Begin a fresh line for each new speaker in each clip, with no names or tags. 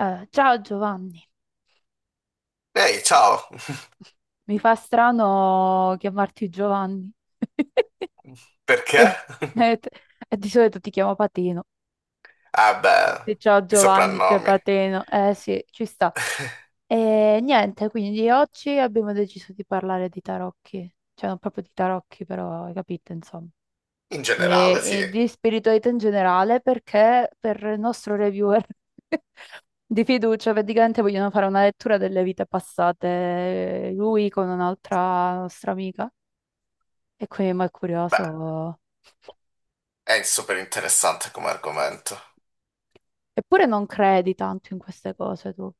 Ciao Giovanni,
Ehi, ciao!
mi fa strano chiamarti Giovanni.
Perché?
Eh, t- Di solito ti chiamo Patino.
Ah beh,
Sì, ciao
i
Giovanni, c'è
soprannomi.
Patino. Eh sì, ci sta. E niente, quindi oggi abbiamo deciso di parlare di tarocchi. Cioè, non proprio di tarocchi, però hai capito, insomma.
In generale,
E,
sì.
e di spiritualità in generale, perché per il nostro reviewer di fiducia, praticamente vogliono fare una lettura delle vite passate, lui con un'altra nostra amica. E quindi ma è
Beh,
curioso.
è super interessante come argomento.
Eppure non credi tanto in queste cose tu.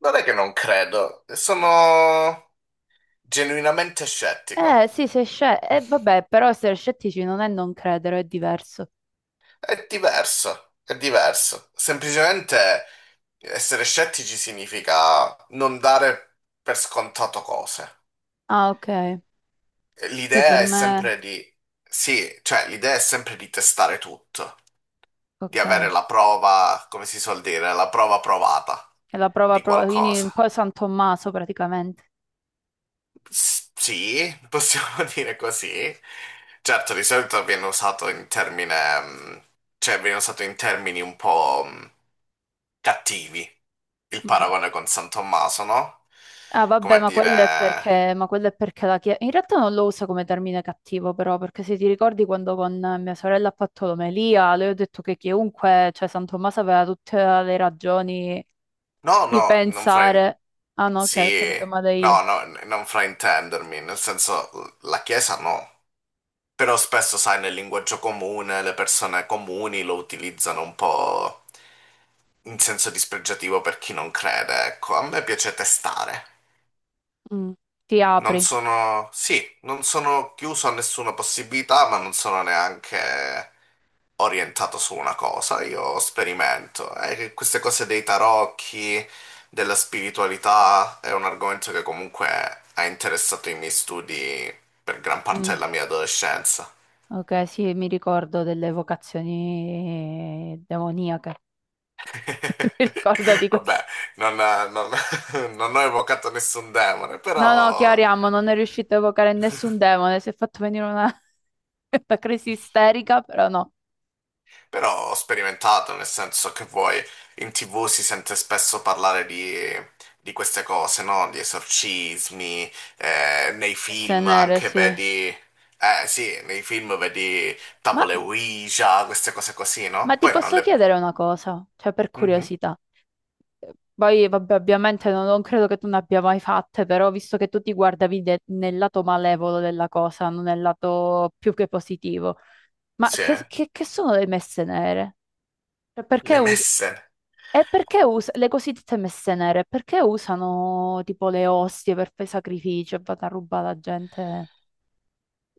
Non è che non credo, sono genuinamente scettico.
Eh sì, sei scettico. Eh vabbè, però essere scettici non è non credere, è diverso.
È diverso, è diverso. Semplicemente essere scettici significa non dare per scontato cose.
Ah, ok. Che
L'idea
per
è
me...
sempre di... Sì, cioè l'idea è sempre di testare tutto, di
Ok.
avere
È
la prova, come si suol dire, la prova provata
la prova,
di
prova... Quindi un
qualcosa.
po' San Tommaso praticamente.
Sì, possiamo dire così. Certo, di solito viene usato in termine, cioè viene usato in termini un po' cattivi, il
Mm.
paragone con San Tommaso, no?
Ah,
Come
vabbè,
a
ma quello è
dire,
perché, ma quello è perché la Chiesa... In realtà non lo usa come termine cattivo, però, perché se ti ricordi quando con mia sorella ha fatto l'omelia, le ho detto che chiunque, cioè San Tommaso aveva tutte le ragioni
no,
di
no, non...
pensare, ah no, che ho
Sì,
capito male io.
no, no, non fraintendermi, nel senso, la Chiesa no. Però spesso, sai, nel linguaggio comune le persone comuni lo utilizzano un po' in senso dispregiativo per chi non crede, ecco. A me piace testare.
Mm, ti
Non
apri.
sono, sì, non sono chiuso a nessuna possibilità, ma non sono neanche orientato su una cosa. Io sperimento. E che queste cose dei tarocchi, della spiritualità, è un argomento che comunque ha interessato i miei studi per gran parte
Mm,
della mia adolescenza.
ok, sì, mi ricordo delle vocazioni demoniache. Mi ricordo di questo.
Vabbè, non, non- non ho evocato nessun demone,
No, no,
però,
chiariamo, non è riuscito a evocare nessun demone, si è fatto venire una, una crisi isterica, però no.
però ho sperimentato, nel senso che vuoi, in TV si sente spesso parlare di queste cose, no? Di esorcismi, nei
Messe
film
nere,
anche
sì.
vedi... Eh sì, nei film vedi
Ma,
tavole Ouija, queste cose così,
ma
no?
ti
Poi non
posso
le...
chiedere una cosa, cioè per
Mhm.
curiosità. Poi, vabbè, ovviamente non credo che tu ne abbia mai fatte, però visto che tu ti guardavi de- nel lato malevolo della cosa, non nel lato più che positivo, ma
Sì,
che sono le messe nere? Cioè,
le messe.
perché us- le cosiddette messe nere? Perché usano tipo le ostie per fare sacrificio e vanno a rubare la gente.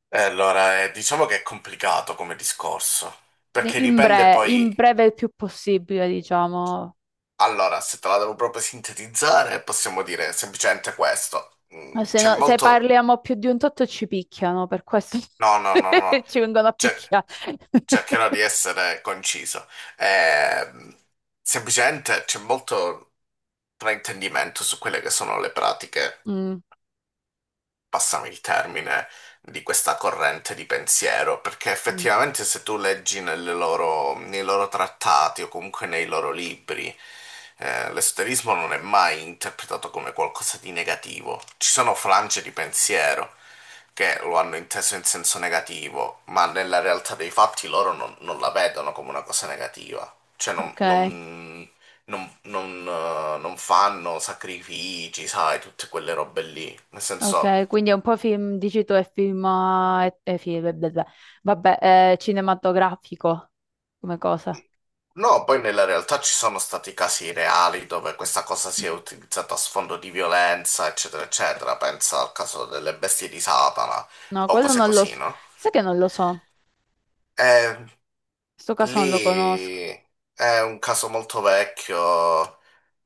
E allora, diciamo che è complicato come discorso, perché dipende
In
poi...
breve il più possibile, diciamo.
Allora, se te la devo proprio sintetizzare, possiamo dire semplicemente questo. C'è
Se
molto...
parliamo più di un tot ci picchiano, per questo
No, no, no, no.
ci vengono a
Cer-
picchiare.
cercherò di essere conciso. Ehm, semplicemente c'è molto fraintendimento su quelle che sono le pratiche.
Mm,
Passami il termine, di questa corrente di pensiero, perché
mm.
effettivamente se tu leggi nei loro trattati o comunque nei loro libri, l'esoterismo non è mai interpretato come qualcosa di negativo. Ci sono frange di pensiero che lo hanno inteso in senso negativo, ma nella realtà dei fatti loro non la vedono come una cosa negativa. Cioè non,
ok,
non- non- non, non fanno sacrifici, sai, tutte quelle robe lì. Nel senso,
ok, quindi è un po' film, dici tu, è film, film, beh, beh, beh. Vabbè, è cinematografico come cosa.
no, poi nella realtà ci sono stati casi reali dove questa cosa si è
Mm.
utilizzata a sfondo di violenza, eccetera, eccetera. Pensa al caso delle bestie di Satana
No,
o
quello
cose
non lo
così,
so,
no?
sai che non lo so, in
Eh,
questo caso non lo conosco.
lì è un caso molto vecchio,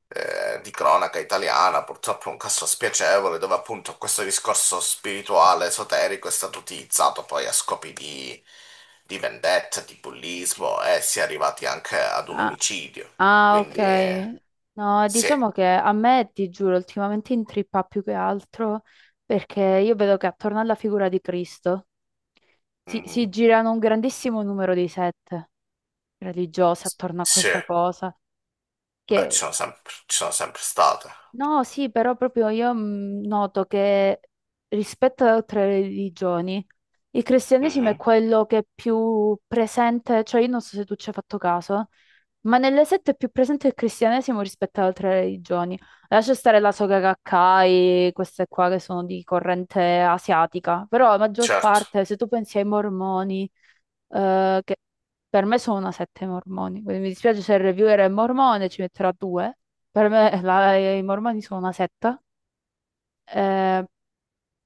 di cronaca italiana, purtroppo un caso spiacevole dove appunto questo discorso spirituale, esoterico è stato utilizzato poi a scopi di vendetta, di bullismo e si è arrivati anche ad un
Ah,
omicidio.
ah, ok,
Quindi
no,
sì.
diciamo che a me, ti giuro, ultimamente intrippa più che altro perché io vedo che attorno alla figura di Cristo si
Mhm.
girano un grandissimo numero di sette religiose attorno a
Sì,
questa cosa
beh,
che...
ci sono sempre state.
No, sì, però proprio io noto che rispetto ad altre religioni, il cristianesimo è
Mhm.
quello che è più presente, cioè io non so se tu ci hai fatto caso, ma nelle sette è più presente il cristianesimo rispetto ad altre religioni. Lascia stare la Soga Gakkai, queste qua che sono di corrente asiatica, però la maggior
Certo,
parte, se tu pensi ai mormoni, che per me sono una sette mormoni, quindi mi dispiace se il reviewer è mormone, ci metterà due. Per me la- i Mormoni sono una setta. Eh,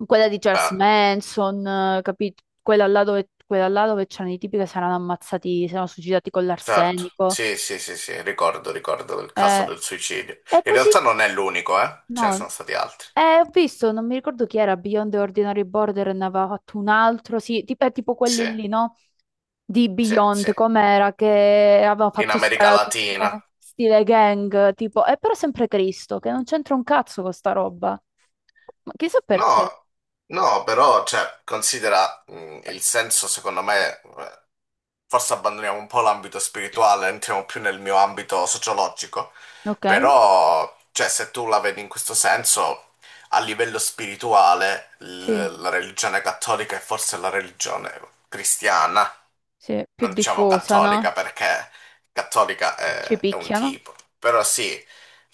quella di Charles
beh.
Manson, capito? Quella là dove c'erano i tipi che si erano ammazzati, si erano suicidati con
Certo,
l'arsenico.
sì, sì, sì, sì, ricordo, ricordo il caso
Eh,
del suicidio.
è
In
così.
realtà non è l'unico, eh? Ce ne
No,
sono stati altri.
ho visto, non mi ricordo chi era, Beyond the Ordinary Border, ne aveva fatto un altro, sì, tipo, è tipo
Sì,
quelli lì, no? Di
sì, sì.
Beyond, com'era, che aveva
In
fatto
America
sparato,
Latina.
stile gang, tipo, è però sempre Cristo, che non c'entra un cazzo con sta roba. Ma chissà perché.
No, no, però, cioè, considera, il senso, secondo me, forse abbandoniamo un po' l'ambito spirituale, entriamo più nel mio ambito sociologico,
Ok,
però, cioè, se tu la vedi in questo senso, a livello spirituale,
sì,
la religione cattolica è forse la religione cristiana,
sì, più
non diciamo
diffusa, no?
cattolica perché cattolica
Ci
è un
picchiano.
tipo, però sì,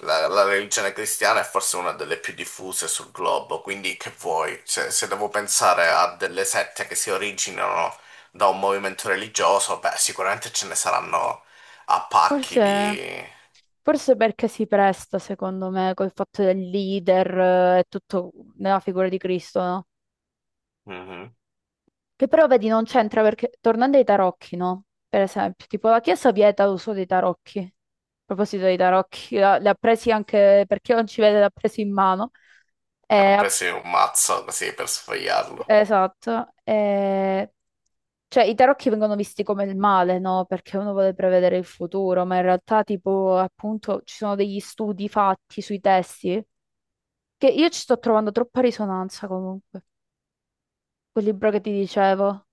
la religione cristiana è forse una delle più diffuse sul globo, quindi che vuoi? Se, se devo pensare a delle sette che si originano da un movimento religioso, beh, sicuramente ce ne saranno a pacchi
Forse,
di...
forse perché si presta, secondo me, col fatto del leader e tutto nella figura di Cristo, no?
Mhm.
Che però, vedi, non c'entra perché, tornando ai tarocchi, no? Per esempio, tipo la Chiesa vieta l'uso dei tarocchi. A proposito dei tarocchi, la- li ha presi anche, per chi non ci vede, li ha presi in mano.
Ne ho
E
preso un mazzo così per sfogliarlo.
esatto, cioè i tarocchi vengono visti come il male, no? Perché uno vuole prevedere il futuro, ma in realtà tipo appunto ci sono degli studi fatti sui testi che io ci sto trovando troppa risonanza comunque, quel libro che ti dicevo.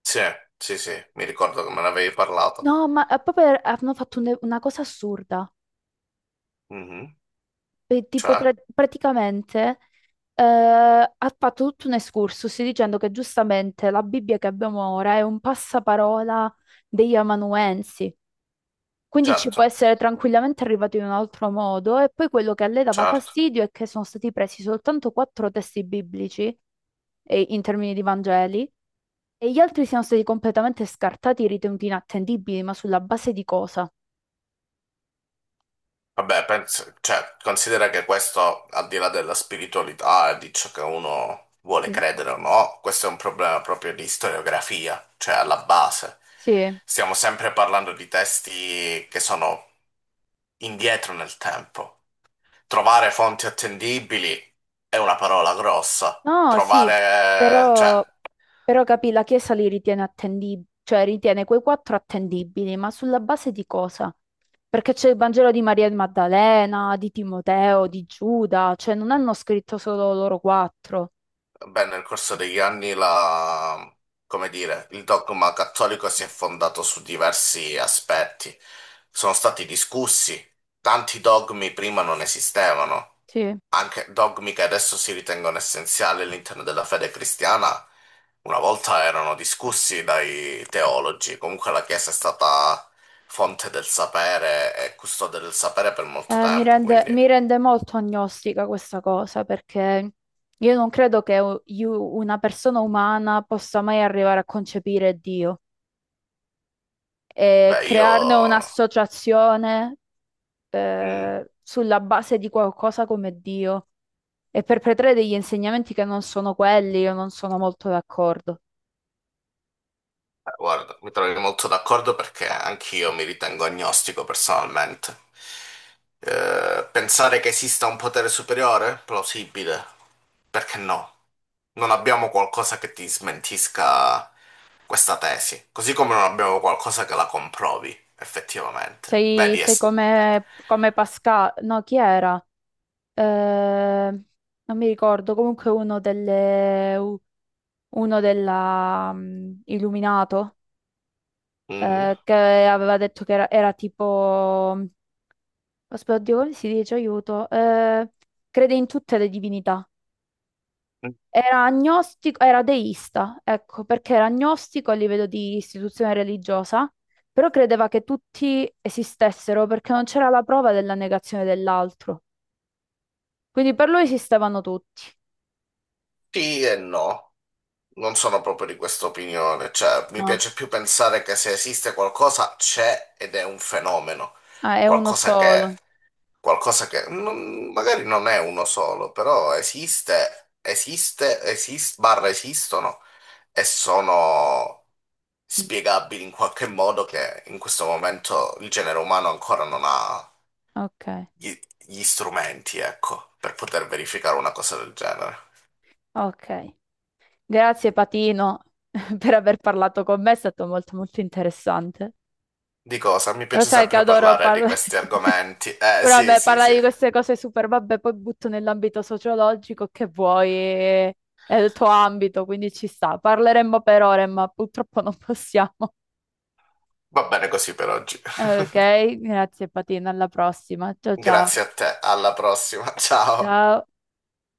Sì, sì, sì, mi ricordo che me ne avevi parlato.
No, ma hanno fatto un- una cosa assurda.
Mhm.
E tipo
Cioè,
praticamente ha fatto tutto un excursus dicendo che giustamente la Bibbia che abbiamo ora è un passaparola degli amanuensi. Quindi ci può
certo,
essere tranquillamente arrivato in un altro modo e poi quello che a lei dava
certo.
fastidio è che sono stati presi soltanto quattro testi biblici e- in termini di Vangeli e gli altri siano stati completamente scartati, ritenuti inattendibili, ma sulla base di cosa?
Vabbè, cioè, considera che questo, al di là della spiritualità e di ciò che uno vuole
Sì.
credere o no, questo è un problema proprio di storiografia, cioè alla base.
Sì.
Stiamo sempre parlando di testi che sono indietro nel tempo. Trovare fonti attendibili è una parola grossa.
No, sì,
Trovare, cioè.
però, però capì, la Chiesa li ritiene attendibili, cioè ritiene quei quattro attendibili, ma sulla base di cosa? Perché c'è il Vangelo di Maria Maddalena, di Timoteo, di Giuda, cioè non hanno scritto solo loro quattro.
Beh, nel corso degli anni come dire, il dogma cattolico si è fondato su diversi aspetti. Sono stati discussi, tanti dogmi prima non esistevano,
Sì,
anche dogmi che adesso si ritengono essenziali all'interno della fede cristiana, una volta erano discussi dai teologi. Comunque la Chiesa è stata fonte del sapere e custode del sapere per molto
eh,
tempo, quindi
mi rende molto agnostica questa cosa, perché io non credo che una persona umana possa mai arrivare a concepire Dio e
beh, io...
crearne un'associazione
Mm.
sulla base di qualcosa come Dio e perpetrare degli insegnamenti che non sono quelli, io non sono molto d'accordo.
Guarda, mi trovi molto d'accordo perché anch'io mi ritengo agnostico personalmente. Pensare che esista un potere superiore? Plausibile. Perché no? Non abbiamo qualcosa che ti smentisca questa tesi, così come non abbiamo qualcosa che la comprovi, effettivamente.
Sei,
Vedi,
sei
es-
come, come Pascal, no, chi era? Eh, non mi ricordo, comunque uno della, Illuminato,
Mhm.
che aveva detto che era tipo, aspetta, oddio, come si dice, aiuto. Crede in tutte le divinità. Era agnostico, era deista, ecco, perché era agnostico a livello di istituzione religiosa, però credeva che tutti esistessero perché non c'era la prova della negazione dell'altro. Quindi per lui esistevano tutti.
Sì e no. Non sono proprio di questa opinione, cioè mi
No.
piace più pensare che se esiste qualcosa c'è ed è un fenomeno,
Ah, è uno
qualcosa che
solo.
qualcosa che magari non è uno solo, però esiste, esiste, esiste, barra esistono e sono
Mm,
spiegabili in qualche modo che in questo momento il genere umano ancora non ha
Ok,
gli, gli strumenti, ecco, per poter verificare una cosa del genere.
ok. Grazie Patino per aver parlato con me, è stato molto molto interessante.
Di cosa? Mi
Lo
piace
sai che
sempre
adoro
parlare di
parlare.
questi argomenti.
Però
Sì,
vabbè,
sì,
parlare
sì.
di queste cose super, vabbè, poi butto nell'ambito sociologico che vuoi, è il tuo ambito, quindi ci sta. Parleremmo per ore, ma purtroppo non possiamo.
Va bene così per oggi.
Ok, grazie Patina, alla prossima. Ciao ciao.
Grazie a te, alla prossima, ciao.
Ciao.